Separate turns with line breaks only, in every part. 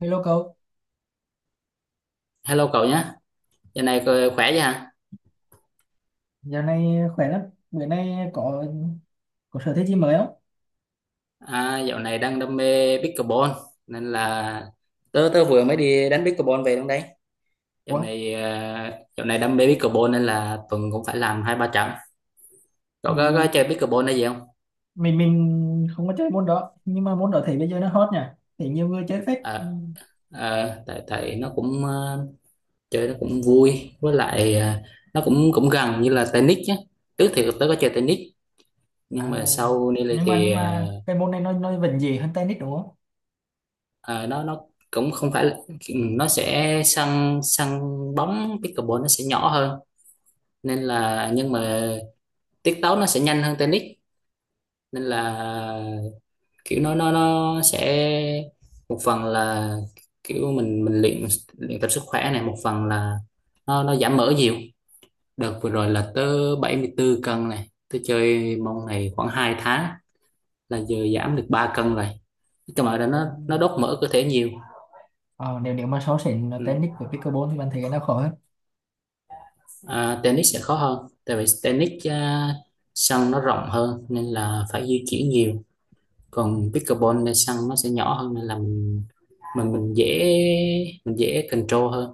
Hello cậu,
Hello cậu nhé, giờ này cậu khỏe chứ hả?
giờ này khỏe lắm. Bữa nay có sở thích gì mới không?
À, dạo này đang đam mê pickleball nên là tớ tớ vừa mới đi đánh pickleball về luôn đấy. Dạo
Ủa,
này à, Dạo này đam mê pickleball nên là tuần cũng phải làm hai ba trận. Cậu có
m-
chơi pickleball hay gì không?
mình không có chơi môn đó, nhưng mà môn đó thấy bây giờ nó hot nhỉ. Thấy nhiều người chơi phết. Ừ.
À, tại tại nó cũng chơi nó cũng vui với lại nó cũng cũng gần như là tennis nhé. Trước thì tớ có chơi tennis nhưng
À,
mà sau đây
nhưng mà
thì
nhưng
à,
mà cái môn này nó vẫn dễ hơn tennis đúng không?
Ờ, nó cũng không phải là, nó sẽ săn săn bóng pickleball nó sẽ nhỏ hơn nên là nhưng mà tiết tấu nó sẽ nhanh hơn tennis nên là kiểu nó sẽ một phần là kiểu mình luyện luyện tập sức khỏe này, một phần là nó giảm mỡ nhiều. Đợt vừa rồi là tới 74 cân này, tôi chơi môn này khoảng 2 tháng là giờ giảm được 3 cân rồi, cái mà nó
Ồ.
nó đốt mỡ cơ thể nhiều.
Ờ, nếu nếu mà so sánh
ừ.
tennis với pickleball thì bạn thấy cái nào khó hơn?
À, tennis sẽ khó hơn tại vì tennis, sân nó rộng hơn nên là phải di chuyển nhiều, còn pickleball nên sân nó sẽ nhỏ hơn nên là mình dễ, mình dễ control hơn,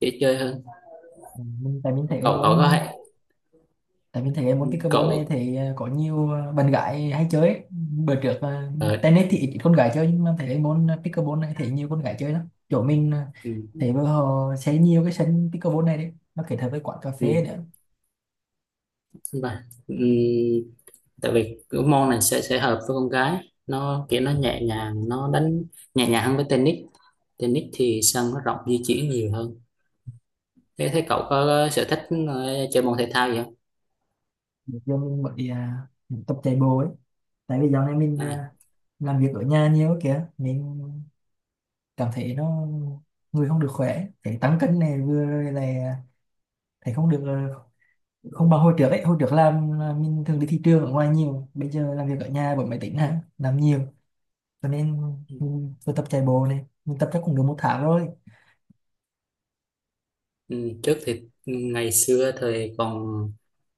dễ chơi hơn.
Ừ, mình tại mình thấy cái
cậu
môn
cậu có hay
tại vì thấy em muốn cái cơ bố này
cậu
thì có nhiều bạn gái hay chơi ấy. Bữa trước
ờ,
tennis thì ít con gái chơi nhưng mà thấy cái môn pickleball này thì nhiều con gái chơi lắm chỗ mình
ừ,
thì bây giờ họ xây nhiều cái sân pickleball này đấy nó kết hợp với quán cà phê
ừ,
nữa
đúng rồi. Ừ, tại vì cái môn này sẽ hợp với con gái, nó kiểu nó nhẹ nhàng, nó đánh nhẹ nhàng hơn với tennis. Tennis thì sân nó rộng di chuyển nhiều hơn. Thế thế cậu có sở thích chơi môn thể thao gì không?
để cho mình mới tập chạy bộ ấy tại vì dạo này mình
À.
làm việc ở nhà nhiều kìa mình cảm thấy nó người không được khỏe thấy tăng cân này vừa là thấy không được không bằng hồi trước ấy hồi trước làm là mình thường đi thị trường ở ngoài nhiều bây giờ làm việc ở nhà với máy tính hả làm nhiều cho nên
Ừ.
mình vừa tập chạy bộ này mình tập chắc cũng được một tháng rồi.
Ừ, trước thì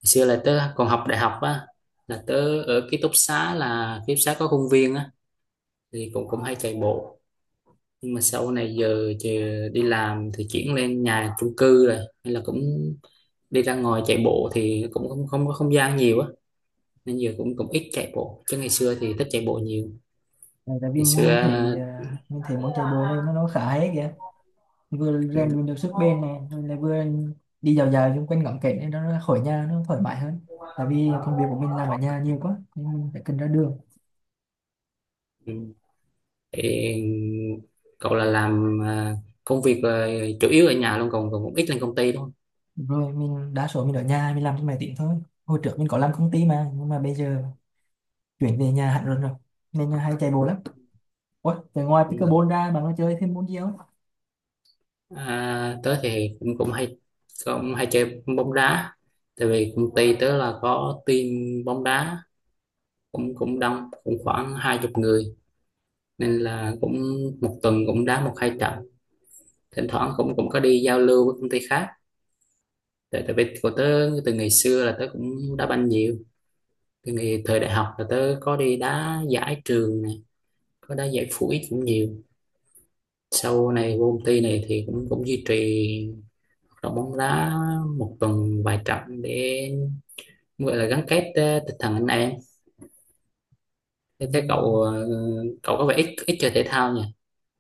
ngày xưa là tớ còn học đại học á, là tớ ở ký túc xá, là ký túc xá có công viên á thì cũng cũng hay chạy bộ, nhưng mà sau này giờ đi làm thì chuyển lên nhà chung cư rồi nên là cũng đi ra ngoài chạy bộ thì cũng không không có không gian nhiều á, nên giờ cũng cũng ít chạy bộ chứ ngày xưa thì thích chạy bộ nhiều
Đấy, tại vì
ngày xưa.
mình thấy mình thấy môn chạy bộ này nó khá hay kìa vừa rèn
Ừ,
luyện được sức bền này rồi lại vừa đi dạo dạo xung quanh ngắm cảnh nên nó khỏi nhà nó thoải mái hơn tại vì công việc của mình làm ở nhà nhiều quá nên mình phải cần ra đường
ừ. Ê, cậu là làm à, công việc là chủ yếu ở nhà luôn còn còn cũng ít lên công ty đúng không?
rồi mình đa số mình ở nhà mình làm trên máy tính thôi. Hồi trước mình có làm công ty mà nhưng mà bây giờ chuyển về nhà hẳn luôn rồi nên là hay chạy bộ lắm. Ủa, từ ngoài
Ừ.
pickleball ra bạn có chơi thêm môn gì không?
À, tớ thì cũng cũng hay chơi bóng đá tại vì công ty tớ là có team bóng đá cũng cũng đông, cũng khoảng hai chục người nên là cũng một tuần cũng đá một hai trận, thỉnh thoảng cũng cũng có đi giao lưu với công ty khác. Tại tại vì của tớ từ ngày xưa là tớ cũng đá banh nhiều, từ ngày thời đại học là tớ có đi đá giải trường này, có đá giải phụ ích cũng nhiều, sau này vô công ty này thì cũng cũng duy trì hoạt động bóng đá một tuần vài trận để gọi là gắn kết tinh thần anh em.
Ừ,
Thế cậu có vẻ ít ít chơi thể thao nhỉ.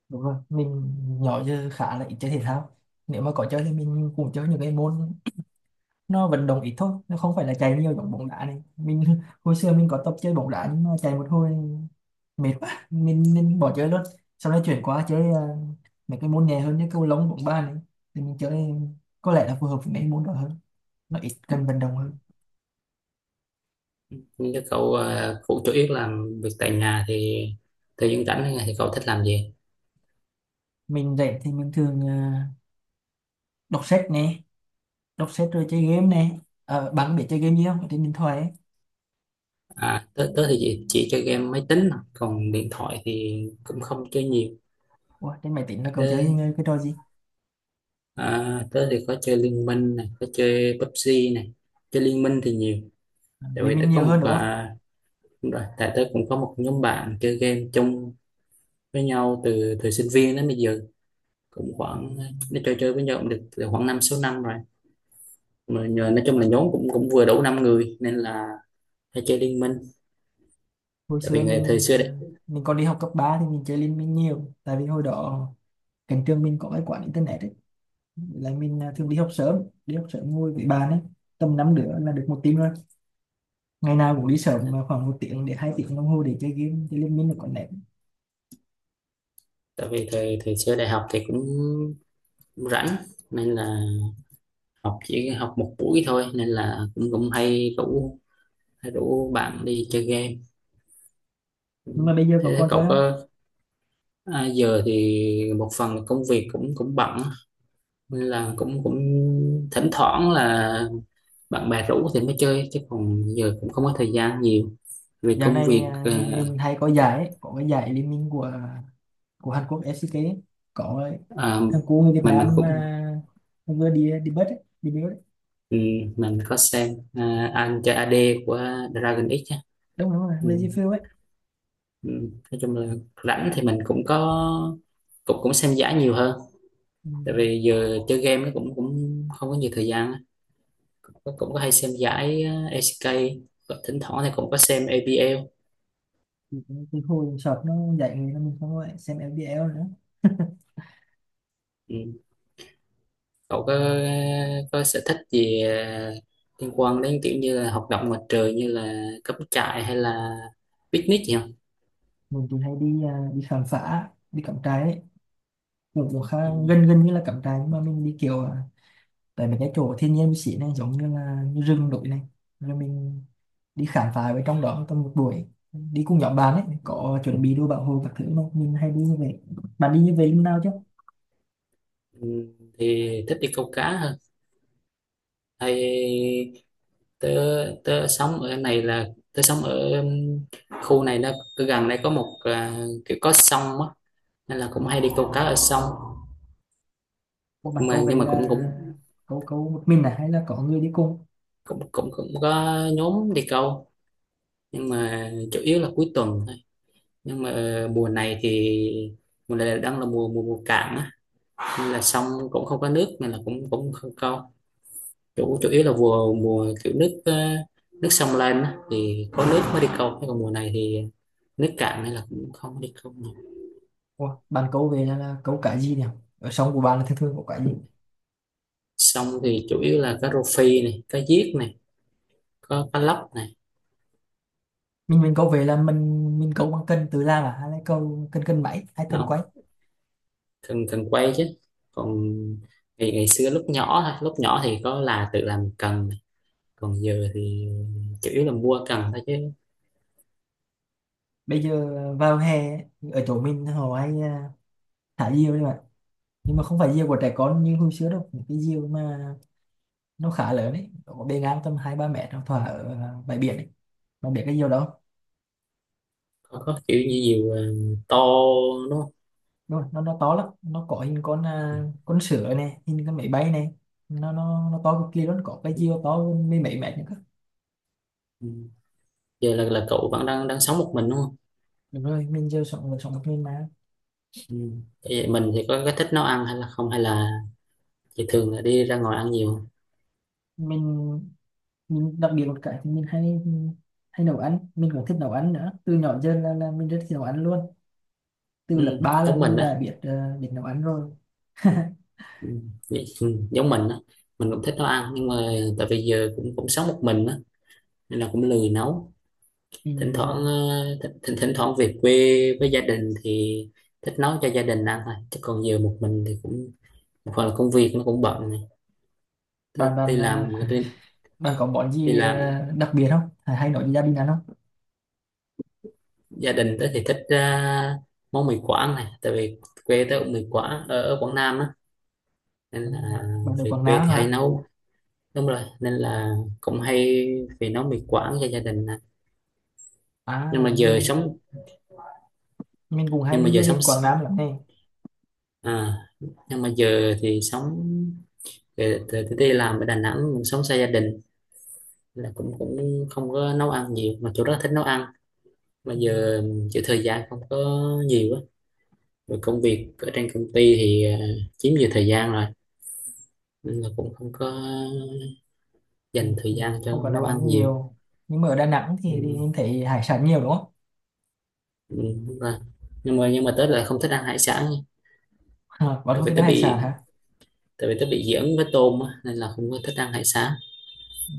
đúng rồi, mình nhỏ giờ khá là ít chơi thể thao. Nếu mà có chơi thì mình cũng chơi những cái môn nó vận động ít thôi, nó không phải là chạy nhiều giống bóng đá này. Mình hồi xưa mình có tập chơi bóng đá nhưng mà chạy một hồi mệt quá, mình nên bỏ chơi luôn. Sau đó chuyển qua chơi mấy cái môn nhẹ hơn như cầu lông, bóng bàn này. Thì mình chơi có lẽ là phù hợp với mấy môn đó hơn, nó ít cần vận động hơn.
Nhưng cho cậu, cũng chủ yếu làm việc tại nhà thì thời gian rảnh thì cậu thích làm gì?
Mình rảnh thì mình thường đọc sách nè, đọc sách rồi chơi game nè. Bạn biết chơi game gì không? Ở trên điện thoại ấy.
Tớ thì chỉ chơi game máy tính thôi. Còn điện thoại thì cũng không chơi nhiều.
Ủa, trên máy tính là cậu
tớ,
chơi cái trò gì?
à, tớ thì có chơi Liên Minh này, có chơi PUBG này, chơi Liên Minh thì nhiều.
Ờ,
Tại
Liên
vì tớ
Minh
có
nhiều hơn
một
đúng không?
à, Đúng rồi, tại tớ cũng có một nhóm bạn chơi game chung với nhau từ thời sinh viên đến bây giờ, cũng
Ừ.
khoảng nó chơi chơi với nhau cũng được từ khoảng năm sáu năm rồi. Mà nhờ, nói chung là nhóm cũng cũng vừa đủ năm người nên là hay chơi liên minh.
Hồi
Tại
xưa
vì ngày thời
mình
xưa đấy
mình còn đi học cấp 3 thì mình chơi Liên Minh nhiều tại vì hồi đó cạnh trường mình có cái quán internet ấy là mình thường đi học sớm, đi học sớm ngồi với bạn ấy tầm năm đứa là được một team rồi, ngày nào
ừ,
cũng đi sớm mà khoảng một tiếng đến hai tiếng đồng hồ để chơi game, chơi Liên Minh là có nét.
tại vì thời thời xưa đại học thì cũng rảnh nên là học chỉ học một buổi thôi nên là cũng cũng hay rủ bạn đi chơi game. Ừ.
Nhưng mà bây giờ cậu
Thế
còn chơi không?
giờ thì một phần là công việc cũng cũng bận. Nên là cũng cũng thỉnh thoảng là bạn bè rủ thì mới chơi chứ còn giờ cũng không có thời gian nhiều vì
Dạo
công
này
việc
mình hay có giải ấy, có cái giải Liên Minh của Hàn Quốc SCK ấy. Có
ờ,
thằng cu người Việt
mình
Nam
cũng
vừa đi đi bớt ấy, đi bớt ấy.
ừ, mình có xem anh chơi AD của Dragon X á.
Đúng đúng rồi
Ừ,
Lazy Field ấy.
ừ. Nói chung là rảnh thì mình cũng cũng xem giải nhiều hơn
Ừ.
tại vì giờ chơi game nó cũng cũng không có nhiều thời gian á. Cũng có hay xem giải ACK, thỉnh thoảng thì cũng có xem APL.
Thì cũng từ hồi sọt nó dạy người mình không có xem LBL nữa.
Ừ. Cậu có sở thích gì liên quan đến kiểu như là hoạt động ngoài trời như là cắm trại hay là picnic gì không?
Mình thì hay đi đi khám phá, đi cắm trại ấy, cũng cũng khá
Ừ,
gần gần như là cắm trại nhưng mà mình đi kiểu tại mấy cái chỗ thiên nhiên xịn này giống như là như rừng đồi này rồi mình đi khám phá ở trong đó trong một buổi, đi cùng nhóm bạn ấy có chuẩn bị đồ bảo hộ các thứ mà mình hay đi như vậy. Bạn đi như vậy lúc nào chứ?
ừ, thì thích đi câu cá hơn. Hay tớ tớ sống ở này là tớ sống ở khu này, nó gần đây có một kiểu có sông á nên là cũng hay đi câu cá ở sông.
Ủa, bạn
nhưng mà
cậu về
nhưng mà cũng
là
cũng
cậu, cậu một mình này hay là có người đi cùng?
cũng cũng cũng có nhóm đi câu nhưng mà chủ yếu là cuối tuần. Nhưng mà mùa này thì mùa này đang là mùa mùa mùa cạn á nên là sông cũng không có nước nên là cũng cũng không câu. Chủ chủ yếu là mùa mùa kiểu nước nước sông lên á, thì có nước mới đi câu, chứ còn mùa này thì nước cạn nên là cũng không có đi câu nữa.
Ủa, bạn cậu về là cậu cá gì nhỉ? Ở sông của bạn là thường thường có cá gì?
Sông thì chủ yếu là có rô phi này, có giếc này, có cá lóc này
Mình cậu về là mình cậu bằng cân tự làm à hay là câu cân, cân máy hay cân
không?
quay?
Cần cần quay chứ, còn thì ngày xưa lúc nhỏ thì có là tự làm cần này. Còn giờ thì chủ yếu là mua cần thôi chứ.
Bây giờ vào hè ở chỗ mình họ hay thả diều đấy bạn, nhưng mà không phải diều của trẻ con như hồi xưa đâu. Những cái diều mà nó khá lớn đấy có bề ngang tầm hai ba mét nó thả ở bãi biển ấy. Bạn biết cái diều đó
Có kiểu như nhiều to đúng không?
rồi, nó to lắm, nó có hình con
Ừ,
con sửa này, hình con máy bay này, nó to cực kỳ luôn, có cái diều to hơn mấy mấy mét nữa cơ.
ừ. Giờ là cậu vẫn đang đang sống một mình đúng không?
Đúng rồi, mình giờ sống, người sống một mình mà.
Ừ. Vậy mình thì có cái thích nấu ăn hay là không hay là thì thường là đi ra ngoài ăn nhiều.
Mình mình đặc biệt một cái thì mình hay hay nấu ăn, mình cũng thích nấu ăn nữa, từ nhỏ giờ là mình rất thích nấu ăn luôn. Từ
Ừ.
lớp 3 là
Giống mình
mình
đó.
đã biết biết nấu ăn rồi.
Ừ. Giống mình đó, mình cũng thích nấu ăn nhưng mà tại vì giờ cũng cũng sống một mình đó nên là cũng lười nấu.
Ừ,
Thỉnh
đúng
thoảng
rồi.
thỉnh thoảng về quê với gia đình thì thích nấu cho gia đình ăn thôi chứ còn giờ một mình thì cũng một phần là công việc nó cũng bận này. Tôi
bạn
đi
bạn
làm đi,
bạn có món
đi
gì
làm.
đặc biệt không, hay hay nấu cho gia đình ăn không?
Gia đình tớ thì thích món mì Quảng này tại vì quê tớ cũng mì Quảng ở Quảng Nam á nên
Ừ,
là
bạn ở
về
Quảng
quê
Nam
thì hay
hả?
nấu, đúng rồi, nên là cũng hay về nấu mì Quảng cho gia đình nè.
À
nhưng mà giờ
mình
sống
mình cũng hay
nhưng mà
đi
giờ
du lịch
sống
Quảng Nam lắm này.
à, nhưng mà giờ thì sống, về từ từ đi làm ở Đà Nẵng, mình sống xa gia đình là cũng cũng không có nấu ăn nhiều mà chỗ đó thích nấu ăn mà giờ chữ thời gian không có nhiều á, rồi công việc ở trên công ty thì chiếm nhiều thời gian rồi nên là cũng không có
Ừ,
dành thời
ừ.
gian
Không
cho
có đồ
nấu ăn
ăn
nhiều.
nhiều nhưng mà ở Đà Nẵng thì
Ừm.
mình thấy hải sản nhiều đúng không?
Nhưng mà tớ lại không thích ăn hải sản.
À, bạn
Tại
không
vì
thích
tớ
ăn hải sản
bị
hả?
tại vì tớ bị dị ứng với tôm á, nên là không có thích ăn hải sản.
Ừ.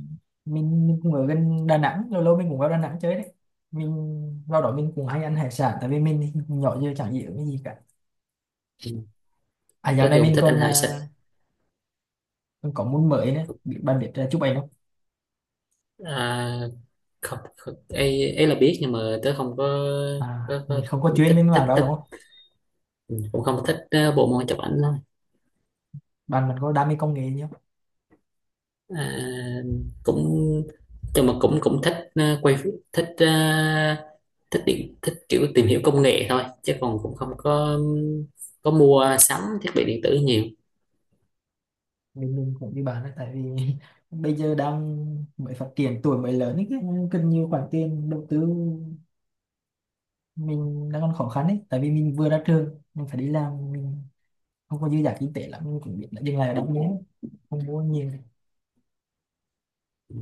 Mình cũng ở gần Đà Nẵng, lâu lâu mình cũng vào Đà Nẵng chơi đấy, mình vào đó mình cũng hay ăn hải sản tại vì mình thì cũng nhỏ giờ chẳng hiểu cái gì cả.
Ừm.
À dạo
Tớ thì
này
không
mình
thích ăn
còn
hải sản.
còn có môn mới nữa, biết bạn biết chụp ảnh không?
À, không, không, ấy, ấy là biết nhưng mà tớ không có,
À
có, có
mình không có chuyên
thích
bên
thích
mảng đó
thích
đúng không?
Ừ, cũng không thích bộ môn chụp ảnh.
Bạn mình có đam mê công nghệ nhá.
à, Cũng nhưng mà cũng cũng thích quay, thích thích điện thích kiểu tìm hiểu công nghệ thôi chứ còn cũng không có có mua sắm thiết bị điện tử nhiều.
Mình cũng như bạn đấy tại vì bây giờ đang mới phát triển tuổi mới lớn ấy, cần nhiều khoản tiền đầu tư. Mình đang còn khó khăn ấy tại vì mình vừa ra trường mình phải đi làm, mình không có dư giả kinh tế lắm, mình cũng biết là dừng lại ở đâu nhé, không mua nhiều.
Ừ.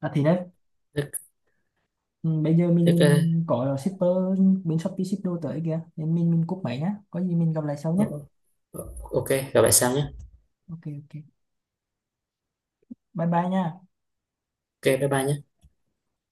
À thì đấy, ừ, bây giờ mình
thế, thế,
mình có shipper bên Shopee ship đồ tới kìa nên mình cúp máy nhá, có gì mình gặp lại sau
ờ,
nhá.
ờ, ok gặp lại sau nhé.
Ok ok, bye bye nha.
Ok bye bye nhé.